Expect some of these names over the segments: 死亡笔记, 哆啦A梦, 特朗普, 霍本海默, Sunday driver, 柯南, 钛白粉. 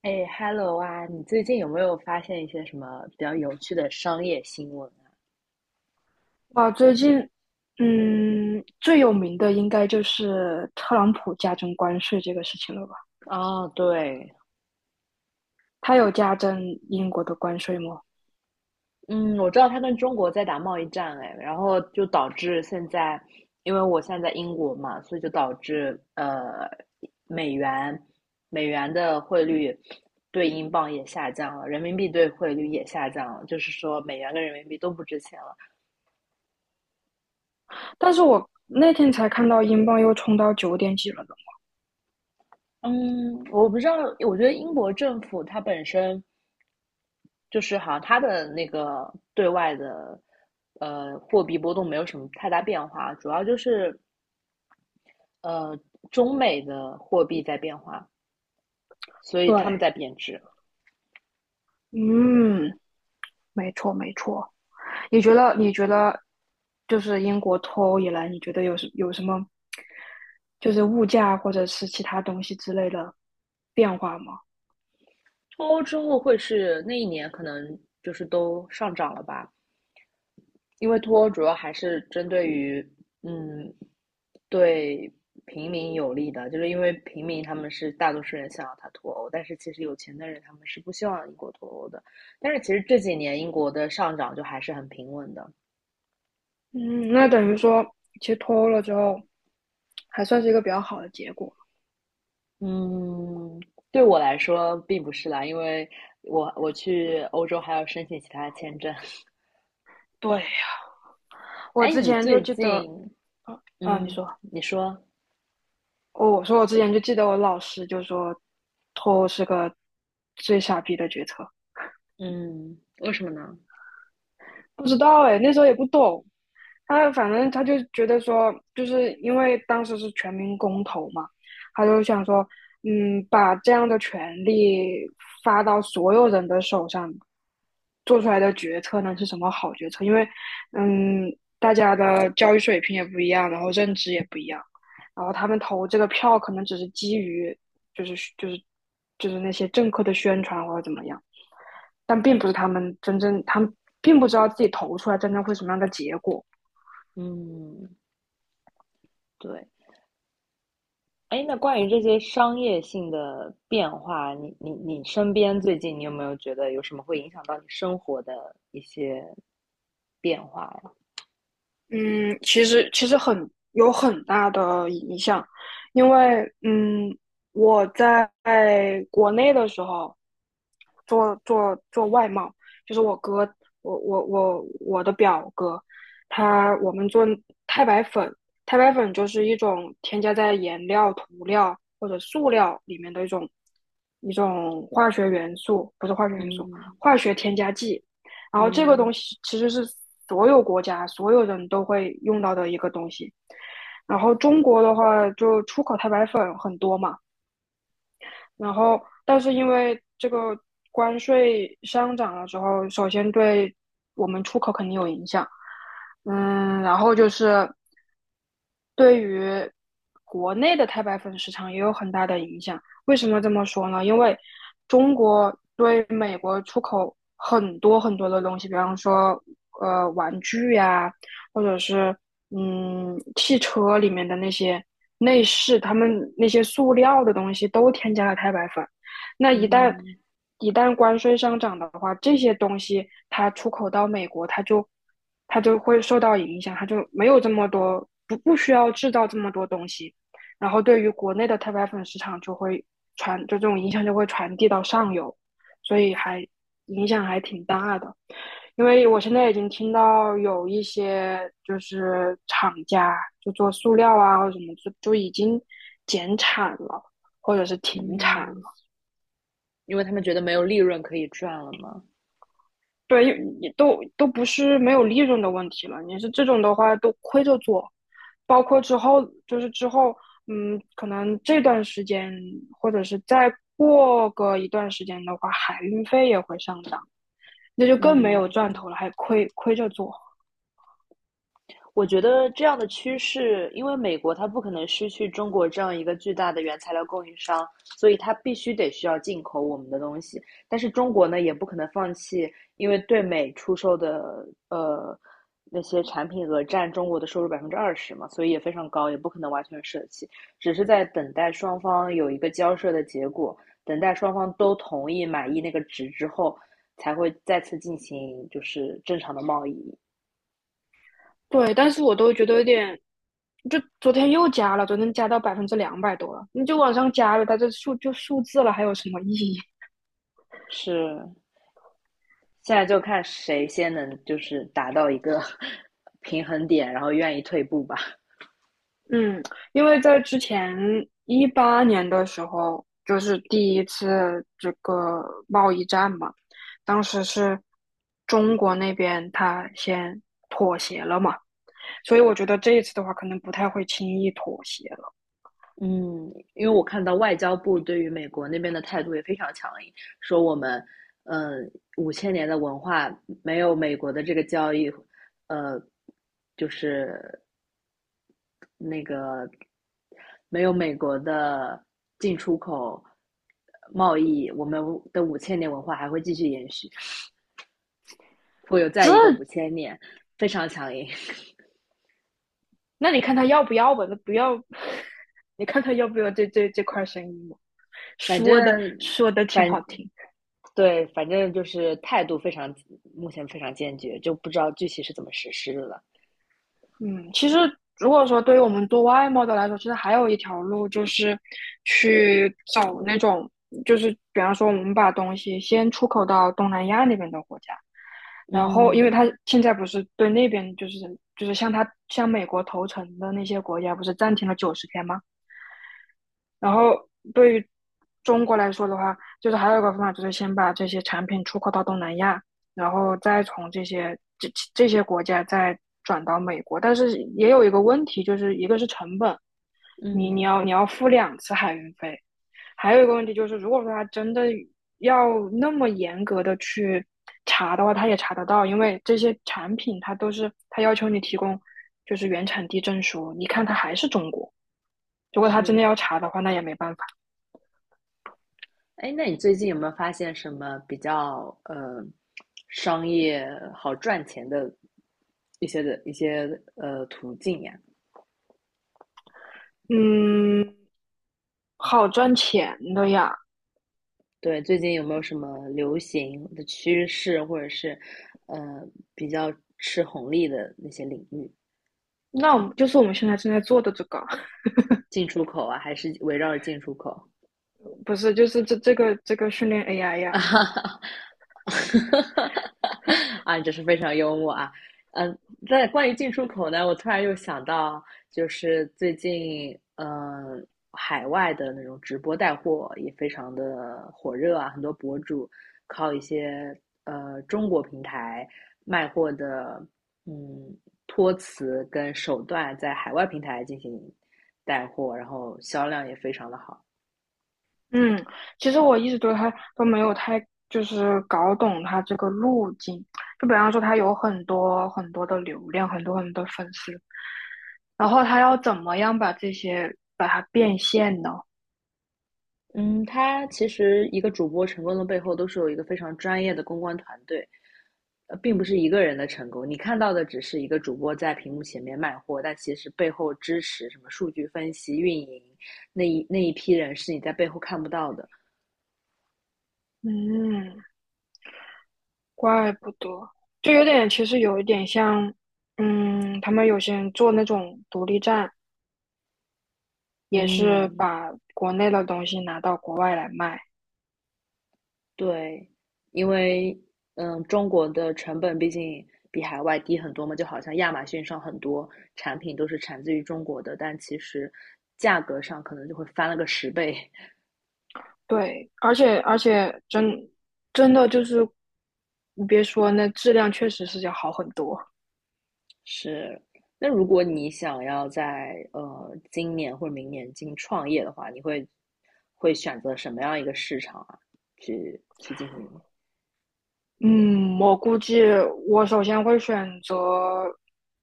哎，Hello 啊，你最近有没有发现一些什么比较有趣的商业新闻哇，最近，最有名的应该就是特朗普加征关税这个事情了吧？啊？哦，对，他有加征英国的关税吗？嗯，我知道他跟中国在打贸易战，哎，然后就导致现在，因为我现在在英国嘛，所以就导致美元美元的汇率对英镑也下降了，人民币对汇率也下降了，就是说美元跟人民币都不值钱了。但是我那天才看到英镑又冲到九点几了呢。嗯，我不知道，我觉得英国政府它本身。就是好像它的那个对外的货币波动没有什么太大变化，主要就是呃中美的货币在变化，所以他们对，在贬值。嗯，没错没错。你觉得就是英国脱欧以来，你觉得有什么就是物价或者是其他东西之类的变化吗？脱欧之后会是那一年可能就是都上涨了吧？因为脱欧主要还是针对于，嗯，对平民有利的，就是因为平民他们是大多数人想要他脱欧，但是其实有钱的人他们是不希望英国脱欧的。但是其实这几年英国的上涨就还是很平稳的。嗯，那等于说，其实脱欧了之后，还算是一个比较好的结果。嗯，对我来说并不是啦，因为我去欧洲还要申请其他的签证。对，我哎，之你前就最记得，近，啊，你嗯，说，你说，哦，我说我之前就记得我老师就说，脱欧是个最傻逼的决策。嗯，为什么呢？不知道哎，那时候也不懂，反正他就觉得说，就是因为当时是全民公投嘛，他就想说，把这样的权利发到所有人的手上，做出来的决策呢是什么好决策？因为，嗯，大家的教育水平也不一样，然后认知也不一样，然后他们投这个票可能只是基于，就是就是就是那些政客的宣传或者怎么样，但并不是他们真正，他们并不知道自己投出来真正会什么样的结果。嗯，对。哎，那关于这些商业性的变化，你身边最近你有没有觉得有什么会影响到你生活的一些变化呀？嗯，其实很大的影响，因为我在国内的时候做外贸，就是我哥，我的表哥，我们做钛白粉，钛白粉就是一种添加在颜料、涂料或者塑料里面的一种化学元素，不是化学元素，嗯，化学添加剂。然后这个嗯，东西其实是所有国家所有人都会用到的一个东西。然后中国的话，就出口太白粉很多嘛，然后但是因为这个关税上涨了之后，首先对我们出口肯定有影响，然后就是对于国内的钛白粉市场也有很大的影响。为什么这么说呢？因为中国对美国出口很多很多的东西，比方说玩具呀、或者是汽车里面的那些内饰，他们那些塑料的东西都添加了钛白粉。那一旦嗯，一旦关税上涨的话，这些东西它出口到美国，它就会受到影响，它就没有这么多不需要制造这么多东西，然后对于国内的钛白粉市场就会这种影响就会传递到上游，所以影响还挺大的。因为我现在已经听到有一些就是厂家就做塑料啊或者什么，就已经减产了，或者是停产了。嗯，因为他们觉得没有利润可以赚了嘛。对，也都不是没有利润的问题了，你是这种的话都亏着做，包括之后可能这段时间或者是再过个一段时间的话，海运费也会上涨，那就更没有嗯赚头了，还亏着做。我觉得这样的趋势，因为美国它不可能失去中国这样一个巨大的原材料供应商，所以它必须得需要进口我们的东西。但是中国呢，也不可能放弃，因为对美出售的呃那些产品额占中国的收入20%嘛，所以也非常高，也不可能完全舍弃，只是在等待双方有一个交涉的结果，等待双方都同意满意那个值之后，才会再次进行就是正常的贸易。对，但是我都觉得有点，就昨天又加了，昨天加到200多%了，你就往上加了，它这数就数字了，还有什么意义？是现在就看谁先能就是达到一个 平衡点，然后愿意退步吧。嗯，因为在之前18年的时候，就是第一次这个贸易战嘛，当时是中国那边他先妥协了嘛，所以我觉得这一次的话，可能不太会轻易妥协了。嗯，因为我看到外交部对于美国那边的态度也非常强硬，说我们，嗯，五千年的文化没有美国的这个交易，呃，就是那个没有美国的进出口贸易，我们的五千年文化还会继续延续，会有再这，一个五千年，非常强硬。那你看他要不要吧？那不要，你看他要不要这块生意嘛？反说的正说的挺反好听。对，反正就是态度非常，目前非常坚决，就不知道具体是怎么实施的了。嗯，其实如果说对于我们做外贸的来说，其实还有一条路就是去找那种，就是比方说我们把东西先出口到东南亚那边的国家，然后因嗯，为他现在不是对那边就是向美国投诚的那些国家不是暂停了90天吗？然后对于中国来说的话，就是还有一个方法，就是先把这些产品出口到东南亚，然后再从这些国家再转到美国。但是也有一个问题，就是一个是成本，你你嗯，要你要付2次海运费，还有一个问题就是，如果说他真的要那么严格的去查的话，他也查得到，因为这些产品它都是他要求你提供就是原产地证书，你看它还是中国。如果他真的是。要查的话，那也没办法。哎，那你最近有没有发现什么比较商业好赚钱的一些途径呀？嗯，好赚钱的呀。对，最近有没有什么流行的趋势，或者是呃比较吃红利的那些领域？那我们现在正在做的这个，进出口啊，还是围绕着进出口？不是，就是这个训练 AI 呀。啊哈哈，啊，你真是非常幽默啊。嗯，在关于进出口呢，我突然又想到，就是最近，海外的那种直播带货也非常的火热啊，很多博主靠一些中国平台卖货的，嗯，托词跟手段，在海外平台进行带货，然后销量也非常的好。嗯，其实我一直对它都没有太就是搞懂它这个路径。就比方说，它有很多很多的流量，很多很多粉丝，然后它要怎么样把这些把它变现呢？嗯，他其实一个主播成功的背后，都是有一个非常专业的公关团队，并不是一个人的成功。你看到的只是一个主播在屏幕前面卖货，但其实背后支持什么数据分析、运营那一批人是你在背后看不到的。嗯，怪不得，就有点，其实有一点像，他们有些人做那种独立站，也是嗯，把国内的东西拿到国外来卖。对，因为中国的成本毕竟比海外低很多嘛，就好像亚马逊上很多产品都是产自于中国的，但其实价格上可能就会翻了个10倍。对，而且真的就是，你别说，那质量确实是要好很多。是，那如果你想要在今年或者明年进行创业的话，你会选择什么样一个市场啊？去进行？嗯，我估计我首先会选择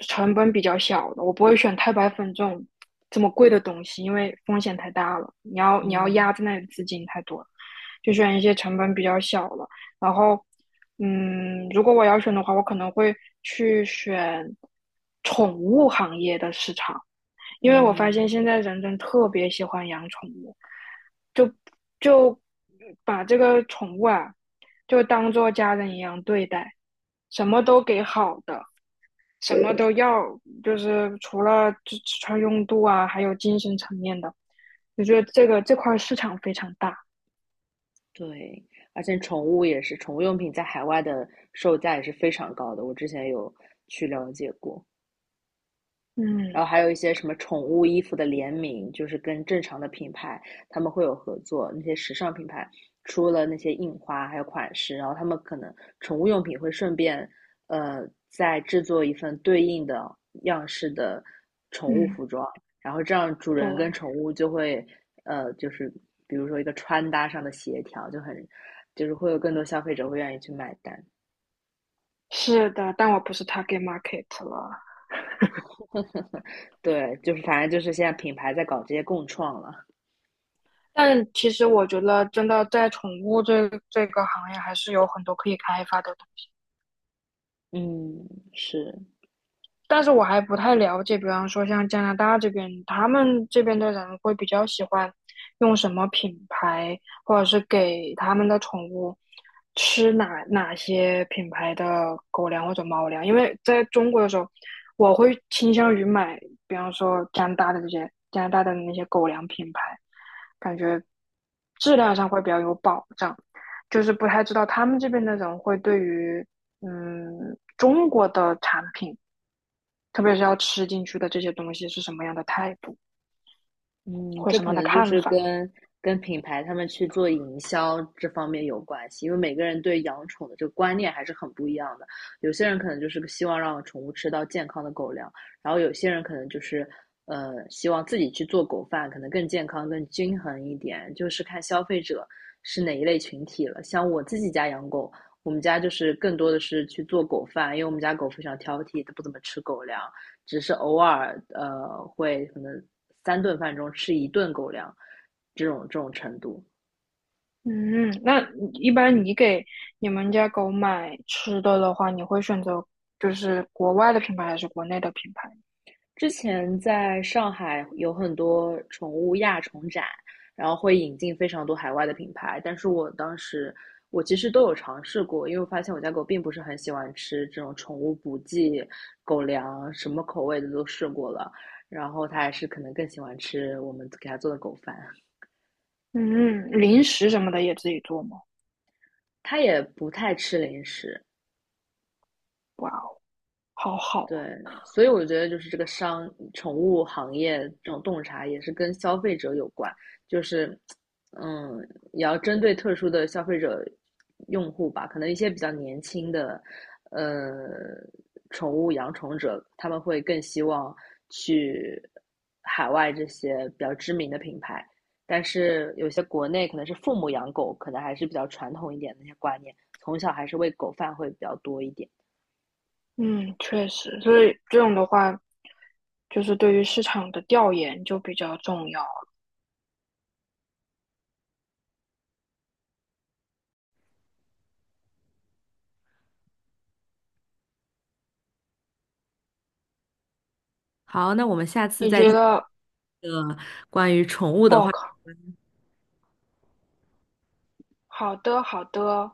成本比较小的，我不会选太白粉这种这么贵的东西，因为风险太大了。你要嗯，压在那里的资金太多了。就选一些成本比较小的。然后，如果我要选的话，我可能会去选宠物行业的市场，因为我发现嗯，现在人人特别喜欢养宠物，就就把这个宠物啊，就当做家人一样对待，什么都给好的。什么都要，就是除了吃穿用度啊，还有精神层面的，我觉得这块市场非常大。对，而且宠物也是，宠物用品在海外的售价也是非常高的，我之前有去了解过。然嗯后还有一些什么宠物衣服的联名，就是跟正常的品牌他们会有合作，那些时尚品牌出了那些印花还有款式，然后他们可能宠物用品会顺便再制作一份对应的样式的宠物嗯，服装，然后这样主人跟对。宠物就会就是比如说一个穿搭上的协调，就很就是会有更多消费者会愿意去买单。是的，但我不是 target market 了。对，就是反正就是现在品牌在搞这些共创了。但其实我觉得，真的在宠物这个行业，还是有很多可以开发的。嗯，是。但是我还不太了解，比方说像加拿大这边，他们这边的人会比较喜欢用什么品牌，或者是给他们的宠物吃哪些品牌的狗粮或者猫粮。因为在中国的时候，我会倾向于买，比方说加拿大的那些狗粮品牌，感觉质量上会比较有保障。就是不太知道他们这边的人会对于中国的产品。特别是要吃进去的这些东西是什么样的态度嗯，或这什么可样的能就看是法。跟品牌他们去做营销这方面有关系，因为每个人对养宠的这个观念还是很不一样的。有些人可能就是希望让宠物吃到健康的狗粮，然后有些人可能就是希望自己去做狗饭，可能更健康、更均衡一点，就是看消费者是哪一类群体了。像我自己家养狗，我们家就是更多的是去做狗饭，因为我们家狗非常挑剔，它不怎么吃狗粮。只是偶尔会可能三顿饭中吃一顿狗粮，这种程度。嗯，那一般你给你们家狗买吃的的话，你会选择就是国外的品牌还是国内的品牌？之前在上海有很多宠物亚宠展，然后会引进非常多海外的品牌，但是我当时我其实都有尝试过，因为我发现我家狗并不是很喜欢吃这种宠物补剂狗粮，什么口味的都试过了，然后它还是可能更喜欢吃我们给它做的狗饭，嗯，零食什么的也自己做吗？它也不太吃零食。哇哦，好好对，啊。所以我觉得就是这个宠物行业这种洞察也是跟消费者有关，就是，嗯，也要针对特殊的消费者用户吧，可能一些比较年轻的，呃，宠物养宠者，他们会更希望去海外这些比较知名的品牌，但是有些国内可能是父母养狗，可能还是比较传统一点的那些观念，从小还是喂狗饭会比较多一点。嗯，确实，所以这种的话，就是对于市场的调研就比较重要。好，那我们下次你再觉得，哦靠，好的好的，